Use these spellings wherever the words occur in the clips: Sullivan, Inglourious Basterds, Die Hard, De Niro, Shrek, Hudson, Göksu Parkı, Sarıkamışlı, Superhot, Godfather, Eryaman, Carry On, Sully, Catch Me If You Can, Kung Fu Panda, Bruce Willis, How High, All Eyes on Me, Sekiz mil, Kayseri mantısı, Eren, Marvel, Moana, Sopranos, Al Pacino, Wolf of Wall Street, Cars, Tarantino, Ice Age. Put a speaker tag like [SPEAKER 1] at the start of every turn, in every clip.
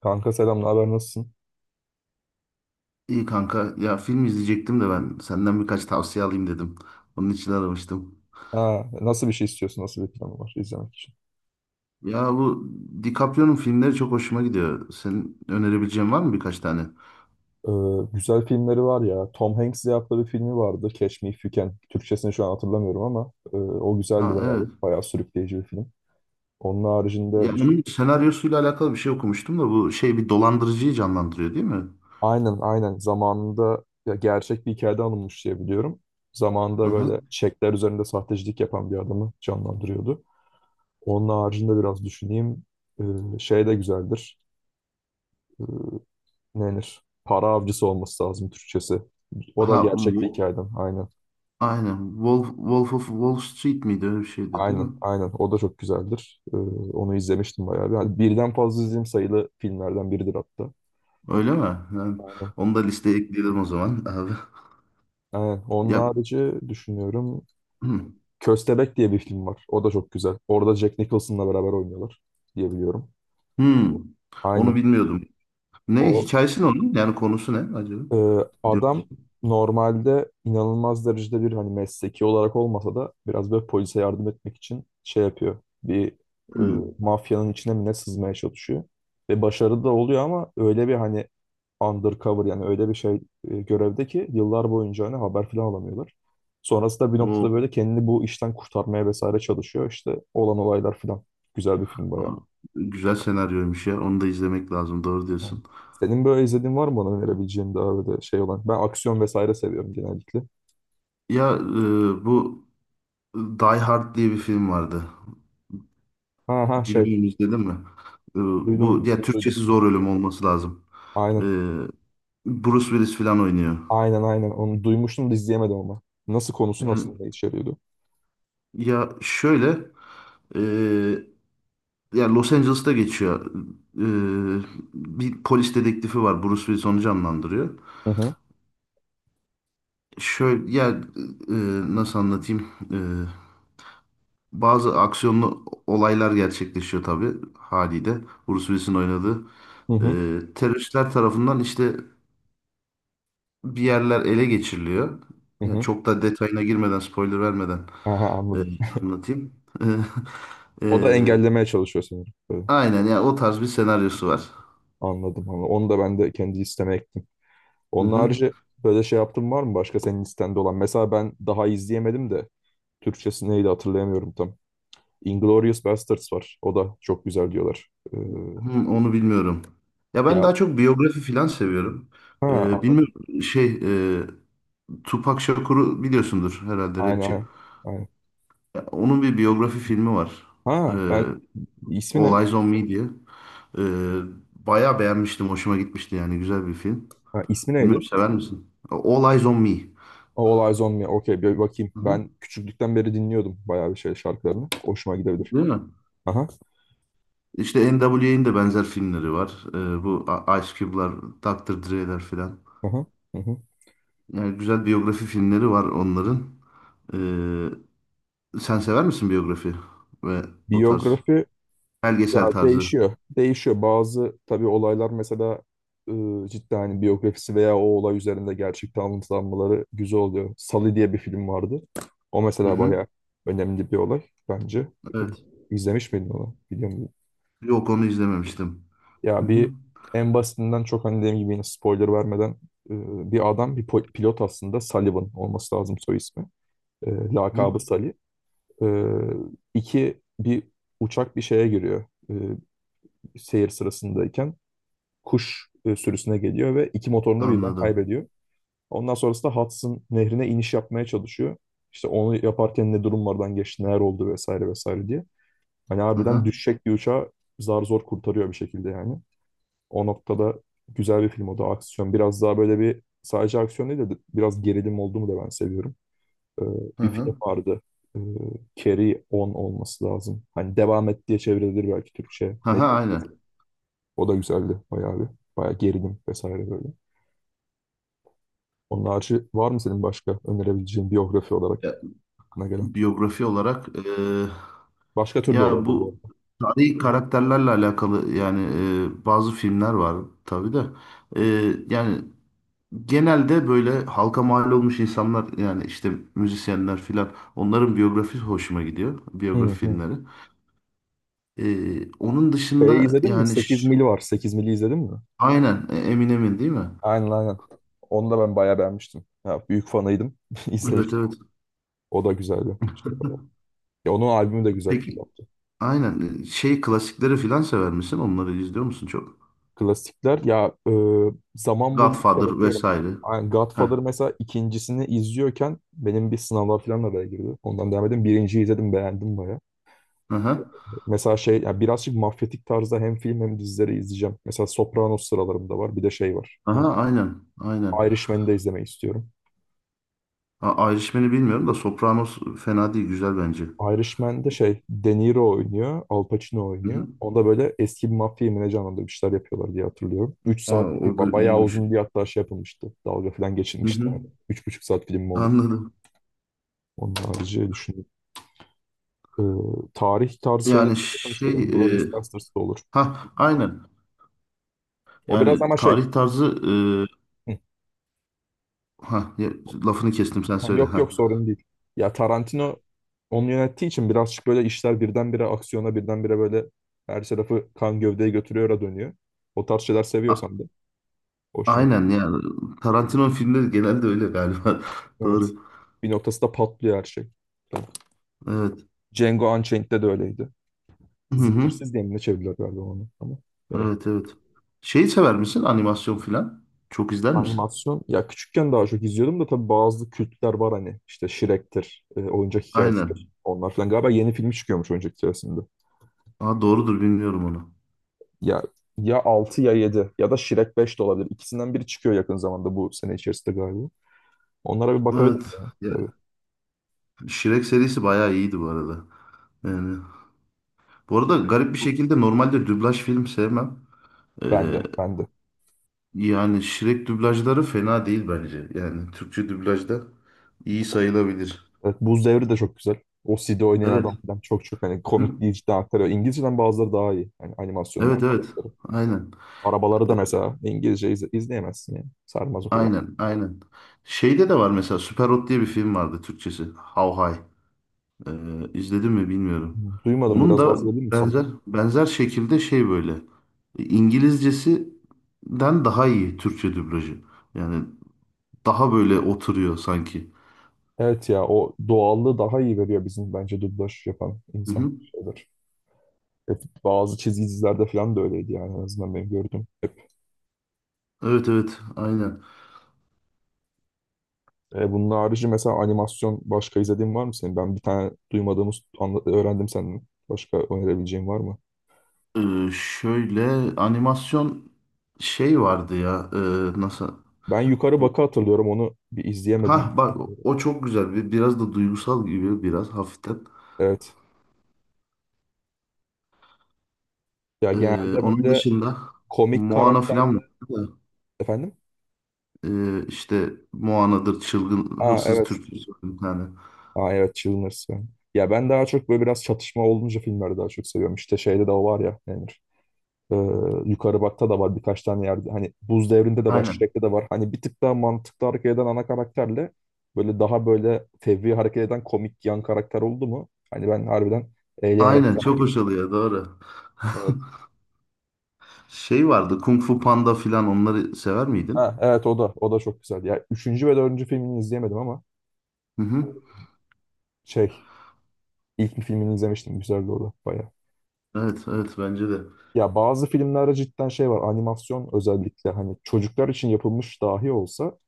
[SPEAKER 1] Kanka selam, ne haber, nasılsın?
[SPEAKER 2] İyi kanka. Ya film izleyecektim de ben senden birkaç tavsiye alayım dedim. Onun için aramıştım.
[SPEAKER 1] Ha, nasıl bir şey istiyorsun, nasıl bir planı var izlemek için?
[SPEAKER 2] Ya bu DiCaprio'nun filmleri çok hoşuma gidiyor. Senin önerebileceğin var mı birkaç tane?
[SPEAKER 1] Ee, Güzel filmleri var ya. Tom Hanks'le yaptığı bir filmi vardı. Catch Me If You Can. Türkçesini şu an hatırlamıyorum ama o güzeldi
[SPEAKER 2] Ha
[SPEAKER 1] bayağı.
[SPEAKER 2] evet.
[SPEAKER 1] Bayağı sürükleyici bir film. Onun
[SPEAKER 2] Ya
[SPEAKER 1] haricinde düşün.
[SPEAKER 2] onun senaryosuyla alakalı bir şey okumuştum da bu şey bir dolandırıcıyı canlandırıyor, değil mi?
[SPEAKER 1] Aynen, aynen, zamanında ya gerçek bir hikayede alınmış diye biliyorum.
[SPEAKER 2] Hı
[SPEAKER 1] Zamanında
[SPEAKER 2] hı.
[SPEAKER 1] böyle çekler üzerinde sahtecilik yapan bir adamı canlandırıyordu. Onun haricinde biraz düşüneyim. Şey de güzeldir. Ee, Ne denir? Para avcısı olması lazım Türkçesi. O da
[SPEAKER 2] Ha
[SPEAKER 1] gerçek bir hikayeden. Aynen.
[SPEAKER 2] aynen. Wolf of Wall Street miydi, öyle bir şeydi değil
[SPEAKER 1] Aynen.
[SPEAKER 2] mi?
[SPEAKER 1] Aynen. O da çok güzeldir. Onu izlemiştim bayağı bir. Hani birden fazla izlediğim sayılı filmlerden biridir hatta.
[SPEAKER 2] Öyle mi? Yani
[SPEAKER 1] Aynen.
[SPEAKER 2] onu da listeye ekleyelim o zaman abi.
[SPEAKER 1] Aynen. Onun
[SPEAKER 2] Ya,
[SPEAKER 1] harici düşünüyorum.
[SPEAKER 2] hmm.
[SPEAKER 1] Köstebek diye bir film var. O da çok güzel. Orada Jack Nicholson'la beraber oynuyorlar diye biliyorum.
[SPEAKER 2] Hmm. Onu
[SPEAKER 1] Aynen.
[SPEAKER 2] bilmiyordum. Ne
[SPEAKER 1] O
[SPEAKER 2] hikayesi, ne onun? Yani konusu ne acaba? Diyorum.
[SPEAKER 1] Adam normalde inanılmaz derecede bir hani mesleki olarak olmasa da biraz böyle polise yardım etmek için şey yapıyor. Bir e,
[SPEAKER 2] Hmm.
[SPEAKER 1] mafyanın içine mi ne sızmaya çalışıyor. Ve başarılı da oluyor ama öyle bir hani undercover yani öyle bir şey görevde ki yıllar boyunca hani haber falan alamıyorlar. Sonrasında bir
[SPEAKER 2] O
[SPEAKER 1] noktada böyle kendini bu işten kurtarmaya vesaire çalışıyor. İşte olan olaylar falan. Güzel bir film
[SPEAKER 2] aa,
[SPEAKER 1] bayağı.
[SPEAKER 2] güzel senaryoymuş ya. Onu da izlemek lazım. Doğru
[SPEAKER 1] Tamam.
[SPEAKER 2] diyorsun.
[SPEAKER 1] Senin böyle izlediğin var mı bana önerebileceğin daha böyle şey olan? Ben aksiyon vesaire seviyorum genellikle.
[SPEAKER 2] Ya bu Die Hard diye bir film vardı.
[SPEAKER 1] Ha ha, şey,
[SPEAKER 2] Bilmiyorum, izledin mi? E, bu ya
[SPEAKER 1] duydum.
[SPEAKER 2] Türkçesi Zor Ölüm olması lazım. E,
[SPEAKER 1] Aynen,
[SPEAKER 2] Bruce Willis falan oynuyor.
[SPEAKER 1] aynen, onu duymuştum da izleyemedim ama. Nasıl konusu
[SPEAKER 2] Yani
[SPEAKER 1] nasıl ne içeriyordu?
[SPEAKER 2] ya şöyle, e, ya Los Angeles'ta geçiyor. E, bir polis dedektifi var. Bruce Willis onu canlandırıyor.
[SPEAKER 1] Hı hı,
[SPEAKER 2] Şöyle ya, nasıl anlatayım? Bazı aksiyonlu olaylar gerçekleşiyor tabii haliyle. Bruce Willis'in oynadığı.
[SPEAKER 1] hı hı,
[SPEAKER 2] Teröristler tarafından işte bir yerler ele geçiriliyor.
[SPEAKER 1] hı,
[SPEAKER 2] Yani
[SPEAKER 1] hı.
[SPEAKER 2] çok da detayına girmeden, spoiler vermeden,
[SPEAKER 1] Ha ha,
[SPEAKER 2] e,
[SPEAKER 1] anladım.
[SPEAKER 2] anlatayım. E,
[SPEAKER 1] O da
[SPEAKER 2] e,
[SPEAKER 1] engellemeye çalışıyor sanırım. Böyle.
[SPEAKER 2] aynen ya o tarz bir senaryosu var.
[SPEAKER 1] Anladım, anladım. Onu da ben de kendi listeme ektim.
[SPEAKER 2] Hı
[SPEAKER 1] Onun
[SPEAKER 2] hı.
[SPEAKER 1] harici böyle şey yaptığın var mı başka senin listende olan? Mesela ben daha izleyemedim de Türkçesi neydi hatırlayamıyorum tam. Inglourious Basterds var. O da çok güzel diyorlar. Ee,
[SPEAKER 2] Hı, onu bilmiyorum. Ya ben
[SPEAKER 1] ya
[SPEAKER 2] daha çok biyografi falan seviyorum.
[SPEAKER 1] Ha, Allah-
[SPEAKER 2] Bilmiyorum, şey, e, Tupac Shakur'u biliyorsundur herhalde,
[SPEAKER 1] aynen,
[SPEAKER 2] rapçi.
[SPEAKER 1] aynen, aynen.
[SPEAKER 2] Ya, onun bir biyografi filmi var.
[SPEAKER 1] Ha,
[SPEAKER 2] Ee,
[SPEAKER 1] ben ismi ne?
[SPEAKER 2] All Eyes on Me diye. Ee, bayağı beğenmiştim. Hoşuma gitmişti yani. Güzel bir film.
[SPEAKER 1] Ha, ismi
[SPEAKER 2] Bilmiyorum,
[SPEAKER 1] neydi?
[SPEAKER 2] sever misin? All Eyes on Me.
[SPEAKER 1] Ha, All Eyes on Me. Okey, bir bakayım.
[SPEAKER 2] Hı hı.
[SPEAKER 1] Ben küçüklükten beri dinliyordum bayağı bir şey şarkılarını. Hoşuma gidebilir.
[SPEAKER 2] Değil mi?
[SPEAKER 1] Aha,
[SPEAKER 2] İşte NWA'nin de benzer filmleri var. Bu Ice Cube'lar, Dr. Dre'ler filan.
[SPEAKER 1] aha, hı hı.
[SPEAKER 2] Yani güzel biyografi filmleri var onların. Ee, sen sever misin biyografi ve o tarz
[SPEAKER 1] Biyografi ya
[SPEAKER 2] belgesel tarzı?
[SPEAKER 1] değişiyor. Değişiyor. Bazı tabii olaylar mesela cidden hani biyografisi veya o olay üzerinde gerçekten anlatılanmaları güzel oluyor. Sully diye bir film vardı. O
[SPEAKER 2] Hı
[SPEAKER 1] mesela
[SPEAKER 2] hı.
[SPEAKER 1] bayağı önemli bir olay bence. Iı,
[SPEAKER 2] Evet.
[SPEAKER 1] İzlemiş miydin onu? Biliyor muydun?
[SPEAKER 2] Yok, onu izlememiştim. Hı
[SPEAKER 1] Ya
[SPEAKER 2] hı.
[SPEAKER 1] en basitinden çok hani dediğim gibi yine spoiler vermeden, bir adam bir pilot aslında Sullivan olması lazım soy ismi. E,
[SPEAKER 2] Hı,
[SPEAKER 1] lakabı Sully. E, iki Bir uçak bir şeye giriyor e, seyir sırasındayken. Kuş sürüsüne geliyor ve iki motorunu da birden
[SPEAKER 2] anladım.
[SPEAKER 1] kaybediyor. Ondan sonrasında Hudson nehrine iniş yapmaya çalışıyor. İşte onu yaparken ne durumlardan geçti, neler oldu vesaire vesaire diye. Hani
[SPEAKER 2] Hı
[SPEAKER 1] harbiden
[SPEAKER 2] hı.
[SPEAKER 1] düşecek bir uçağı zar zor kurtarıyor bir şekilde yani. O noktada güzel bir film o da, aksiyon. Biraz daha böyle bir sadece aksiyon değil de biraz gerilim olduğumu da ben seviyorum. Ee,
[SPEAKER 2] Hı
[SPEAKER 1] Bir film
[SPEAKER 2] hı.
[SPEAKER 1] vardı. Ee, Carry On olması lazım. Hani devam et diye çevrilir belki Türkçe.
[SPEAKER 2] Hı hı,
[SPEAKER 1] Netflix'te.
[SPEAKER 2] aynen.
[SPEAKER 1] O da güzeldi bayağı bir. Bayağı gerilim vesaire böyle. Onun harici var mı senin başka önerebileceğin biyografi
[SPEAKER 2] Ya,
[SPEAKER 1] olarak aklına gelen?
[SPEAKER 2] biyografi olarak,
[SPEAKER 1] Başka tür de
[SPEAKER 2] ya
[SPEAKER 1] olabilir bu
[SPEAKER 2] bu
[SPEAKER 1] arada.
[SPEAKER 2] tarihi karakterlerle alakalı yani, bazı filmler var tabii de. Yani genelde böyle halka mal olmuş insanlar, yani işte müzisyenler filan, onların biyografi hoşuma gidiyor. Biyografi
[SPEAKER 1] Hı hı.
[SPEAKER 2] filmleri. Onun
[SPEAKER 1] Şeyi
[SPEAKER 2] dışında
[SPEAKER 1] izledin mi?
[SPEAKER 2] yani
[SPEAKER 1] Sekiz mil var. 8 mili izledin mi?
[SPEAKER 2] aynen, Eminem'in değil mi?
[SPEAKER 1] Aynen, aynen. Onu da ben bayağı beğenmiştim. Ya, büyük fanıydım.
[SPEAKER 2] Evet
[SPEAKER 1] İzlemiştim.
[SPEAKER 2] evet.
[SPEAKER 1] O da güzel bir şey. Ya onun albümü de güzel
[SPEAKER 2] Peki.
[SPEAKER 1] yaptı.
[SPEAKER 2] Aynen. Şey klasikleri filan sever misin? Onları izliyor musun çok?
[SPEAKER 1] Klasikler ya, zaman buldukça
[SPEAKER 2] Godfather
[SPEAKER 1] bakıyorum.
[SPEAKER 2] vesaire.
[SPEAKER 1] Yani
[SPEAKER 2] Heh.
[SPEAKER 1] Godfather mesela ikincisini izliyorken benim bir sınavlar falan da böyle girdi. Ondan devam edeyim. Birinciyi izledim, beğendim baya.
[SPEAKER 2] Aha.
[SPEAKER 1] Mesela şey, ya birazcık mafyatik tarzda hem film hem dizileri izleyeceğim. Mesela Sopranos sıralarımda var. Bir de şey var.
[SPEAKER 2] Aha aynen. Aynen.
[SPEAKER 1] Irishman'i de izlemeyi istiyorum.
[SPEAKER 2] A Irishman'i bilmiyorum da Sopranos fena değil. Güzel bence.
[SPEAKER 1] Irishman'de şey De Niro oynuyor, Al Pacino
[SPEAKER 2] Hı
[SPEAKER 1] oynuyor.
[SPEAKER 2] hı.
[SPEAKER 1] Onda böyle eski bir mafya yemeğine canlandırıp işler yapıyorlar diye hatırlıyorum. 3
[SPEAKER 2] Aa,
[SPEAKER 1] saatlik bir
[SPEAKER 2] o da
[SPEAKER 1] bayağı
[SPEAKER 2] iyiymiş.
[SPEAKER 1] uzun bir hatta şey yapılmıştı. Dalga falan
[SPEAKER 2] Hı
[SPEAKER 1] geçilmişti.
[SPEAKER 2] hı.
[SPEAKER 1] Yani, üç buçuk saat film mi olur?
[SPEAKER 2] Anladım.
[SPEAKER 1] Onun harici düşünün. Ee, Tarih tarzı şeyler
[SPEAKER 2] Yani
[SPEAKER 1] zaten işte
[SPEAKER 2] şey, e,
[SPEAKER 1] Inglourious Basterds da olur.
[SPEAKER 2] ha aynen.
[SPEAKER 1] O biraz
[SPEAKER 2] Yani
[SPEAKER 1] ama şey.
[SPEAKER 2] tarih tarzı,
[SPEAKER 1] hı,
[SPEAKER 2] ha, lafını kestim, sen
[SPEAKER 1] ha,
[SPEAKER 2] söyle
[SPEAKER 1] Yok yok,
[SPEAKER 2] ha.
[SPEAKER 1] sorun değil. Ya Tarantino onu yönettiği için birazcık böyle işler birdenbire aksiyona, birdenbire böyle her tarafı kan gövdeye götürüyor, dönüyor. O tarz şeyler
[SPEAKER 2] A-
[SPEAKER 1] seviyorsan da hoşuna gidiyor.
[SPEAKER 2] aynen, yani Tarantino filmleri genelde öyle galiba.
[SPEAKER 1] Evet.
[SPEAKER 2] Doğru.
[SPEAKER 1] Bir noktasında patlıyor her şey.
[SPEAKER 2] Evet.
[SPEAKER 1] Django Unchained'de de öyleydi.
[SPEAKER 2] Hı hı.
[SPEAKER 1] Zincirsiz diye mi ne çevirdiler galiba onu ama. Evet.
[SPEAKER 2] Evet evet. Şeyi sever misin? Animasyon filan. Çok izler misin?
[SPEAKER 1] Animasyon. Ya küçükken daha çok izliyordum da tabii bazı kültler var hani. İşte Shrek'tir, oyuncak hikayesidir.
[SPEAKER 2] Aynen.
[SPEAKER 1] Onlar falan. Galiba yeni film çıkıyormuş oyuncak hikayesinde.
[SPEAKER 2] Aa, doğrudur, bilmiyorum onu.
[SPEAKER 1] Ya, ya 6 ya 7 ya da Shrek 5 de olabilir. İkisinden biri çıkıyor yakın zamanda bu sene içerisinde galiba. Onlara bir
[SPEAKER 2] Evet.
[SPEAKER 1] bakabilirim
[SPEAKER 2] Ya,
[SPEAKER 1] tabii.
[SPEAKER 2] Shrek serisi bayağı iyiydi bu arada. Yani, bu arada garip bir şekilde normalde dublaj film sevmem. Ee,
[SPEAKER 1] Ben de, ben de.
[SPEAKER 2] yani Shrek dublajları fena değil bence. Yani Türkçe dublajda iyi sayılabilir.
[SPEAKER 1] Evet, Buz Devri de çok güzel. O CD oynayan
[SPEAKER 2] Evet.
[SPEAKER 1] adam falan çok, çok hani
[SPEAKER 2] Hı.
[SPEAKER 1] komikliği cidden aktarıyor. İngilizceden bazıları daha iyi. Yani animasyonun.
[SPEAKER 2] Evet evet. Aynen.
[SPEAKER 1] Arabaları da mesela İngilizce izleyemezsin yani. Sarmaz o kadar.
[SPEAKER 2] Aynen. Aynen. Şeyde de var mesela, Superhot diye bir film vardı Türkçesi. How High. Ee, izledim mi bilmiyorum.
[SPEAKER 1] Duymadım,
[SPEAKER 2] Onun
[SPEAKER 1] biraz
[SPEAKER 2] da
[SPEAKER 1] bahsedebilir misin onu?
[SPEAKER 2] benzer benzer şekilde şey böyle, İngilizcesinden daha iyi Türkçe dublajı. Yani daha böyle oturuyor sanki.
[SPEAKER 1] Evet ya o doğallığı daha iyi veriyor bizim bence dublaj yapan
[SPEAKER 2] Hı
[SPEAKER 1] insan
[SPEAKER 2] hı.
[SPEAKER 1] şeyler. Hep bazı çizgi dizilerde falan da öyleydi yani, en azından ben gördüm. Hep.
[SPEAKER 2] Evet evet aynen.
[SPEAKER 1] Bunun harici mesela animasyon başka izlediğin var mı senin? Ben bir tane duymadığımız öğrendim senden. Başka önerebileceğin var mı?
[SPEAKER 2] Şöyle animasyon şey vardı ya, nasıl
[SPEAKER 1] Ben Yukarı
[SPEAKER 2] bu,
[SPEAKER 1] Bak'ı hatırlıyorum. Onu bir izleyemedim.
[SPEAKER 2] ha bak, o çok güzel bir, biraz da duygusal gibi biraz hafiften.
[SPEAKER 1] Evet. Ya genelde
[SPEAKER 2] Onun
[SPEAKER 1] böyle
[SPEAKER 2] dışında
[SPEAKER 1] komik
[SPEAKER 2] Moana
[SPEAKER 1] karakterle,
[SPEAKER 2] falan var.
[SPEAKER 1] efendim.
[SPEAKER 2] İşte Moana'dır, çılgın
[SPEAKER 1] Aa
[SPEAKER 2] hırsız
[SPEAKER 1] evet.
[SPEAKER 2] türküsü var bir tane.
[SPEAKER 1] Aa evet, Chilmers, yani. Ya ben daha çok böyle biraz çatışma olunca filmleri daha çok seviyorum. İşte şeyde de o var ya, Emir. Ee, Yukarı Bak'ta da var birkaç tane yerde. Hani Buz Devri'nde de var,
[SPEAKER 2] Aynen.
[SPEAKER 1] Shrek'te de var. Hani bir tık daha mantıklı hareket eden ana karakterle böyle daha böyle fevri hareket eden komik yan karakter oldu mu, hani ben harbiden eğlenerek
[SPEAKER 2] Aynen
[SPEAKER 1] zaman
[SPEAKER 2] çok hoş
[SPEAKER 1] geçiriyorum.
[SPEAKER 2] oluyor, doğru. Şey vardı Kung Fu Panda filan, onları sever miydin?
[SPEAKER 1] Ha, evet, o da, o da çok güzeldi. Ya üçüncü ve dördüncü filmini izleyemedim ama
[SPEAKER 2] Hı hı.
[SPEAKER 1] şey, ilk bir filmini izlemiştim. Güzeldi o da bayağı.
[SPEAKER 2] Evet evet bence de.
[SPEAKER 1] Ya bazı filmlerde cidden şey var. Animasyon özellikle hani çocuklar için yapılmış dahi olsa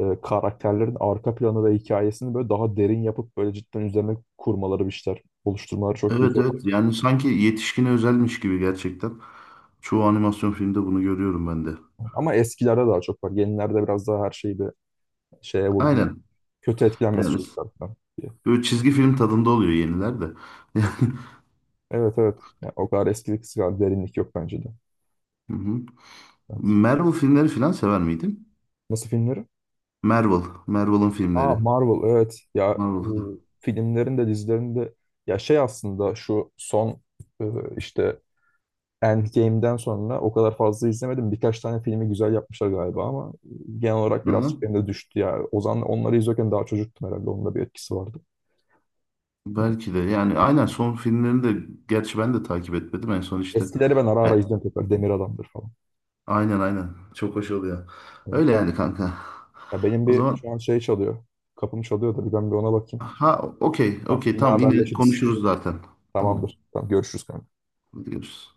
[SPEAKER 1] karakterlerin arka planı ve hikayesini böyle daha derin yapıp böyle cidden üzerine kurmaları, bir şeyler oluşturmaları çok
[SPEAKER 2] Evet
[SPEAKER 1] güzel oluyor.
[SPEAKER 2] evet, yani sanki yetişkine özelmiş gibi gerçekten. Çoğu animasyon filmde bunu görüyorum ben de.
[SPEAKER 1] Ama eskilerde daha çok var. Yenilerde biraz daha her şeyi bir şeye vurdular.
[SPEAKER 2] Aynen.
[SPEAKER 1] Kötü etkilenmesi
[SPEAKER 2] Yani
[SPEAKER 1] çocuklar falan diye.
[SPEAKER 2] böyle çizgi film tadında oluyor yeniler de.
[SPEAKER 1] Evet,
[SPEAKER 2] Yani,
[SPEAKER 1] evet, evet. Ya, o kadar eskilik kadar derinlik yok bence de.
[SPEAKER 2] hı hı.
[SPEAKER 1] Evet.
[SPEAKER 2] Marvel filmleri filan sever miydin?
[SPEAKER 1] Nasıl filmleri?
[SPEAKER 2] Marvel. Marvel'ın
[SPEAKER 1] Aa
[SPEAKER 2] filmleri.
[SPEAKER 1] Marvel, evet ya
[SPEAKER 2] Marvel.
[SPEAKER 1] bu filmlerin de dizilerin de, ya şey, aslında şu son e, işte Endgame'den sonra o kadar fazla izlemedim. Birkaç tane filmi güzel yapmışlar galiba ama genel olarak
[SPEAKER 2] Aha.
[SPEAKER 1] birazcık benim de düştü ya. O zaman onları izlerken daha çocuktum herhalde. Onun da bir etkisi vardı.
[SPEAKER 2] Belki de, yani aynen, son filmlerini de gerçi ben de takip etmedim en son işte.
[SPEAKER 1] Eskileri ben ara
[SPEAKER 2] E,
[SPEAKER 1] ara izliyorum tekrar. Demir Adam'dır falan.
[SPEAKER 2] aynen aynen, çok hoş oluyor.
[SPEAKER 1] Evet.
[SPEAKER 2] Öyle yani kanka.
[SPEAKER 1] Ya benim
[SPEAKER 2] O
[SPEAKER 1] bir
[SPEAKER 2] zaman
[SPEAKER 1] şu an şey çalıyor. Kapım çalıyor da bir ben bir ona bakayım.
[SPEAKER 2] ha, okey
[SPEAKER 1] Tamam,
[SPEAKER 2] okey,
[SPEAKER 1] yine
[SPEAKER 2] tamam, yine
[SPEAKER 1] haberleşiriz.
[SPEAKER 2] konuşuruz zaten. Tamam,
[SPEAKER 1] Tamamdır. Tamam, görüşürüz kanka.
[SPEAKER 2] hadi görüşürüz.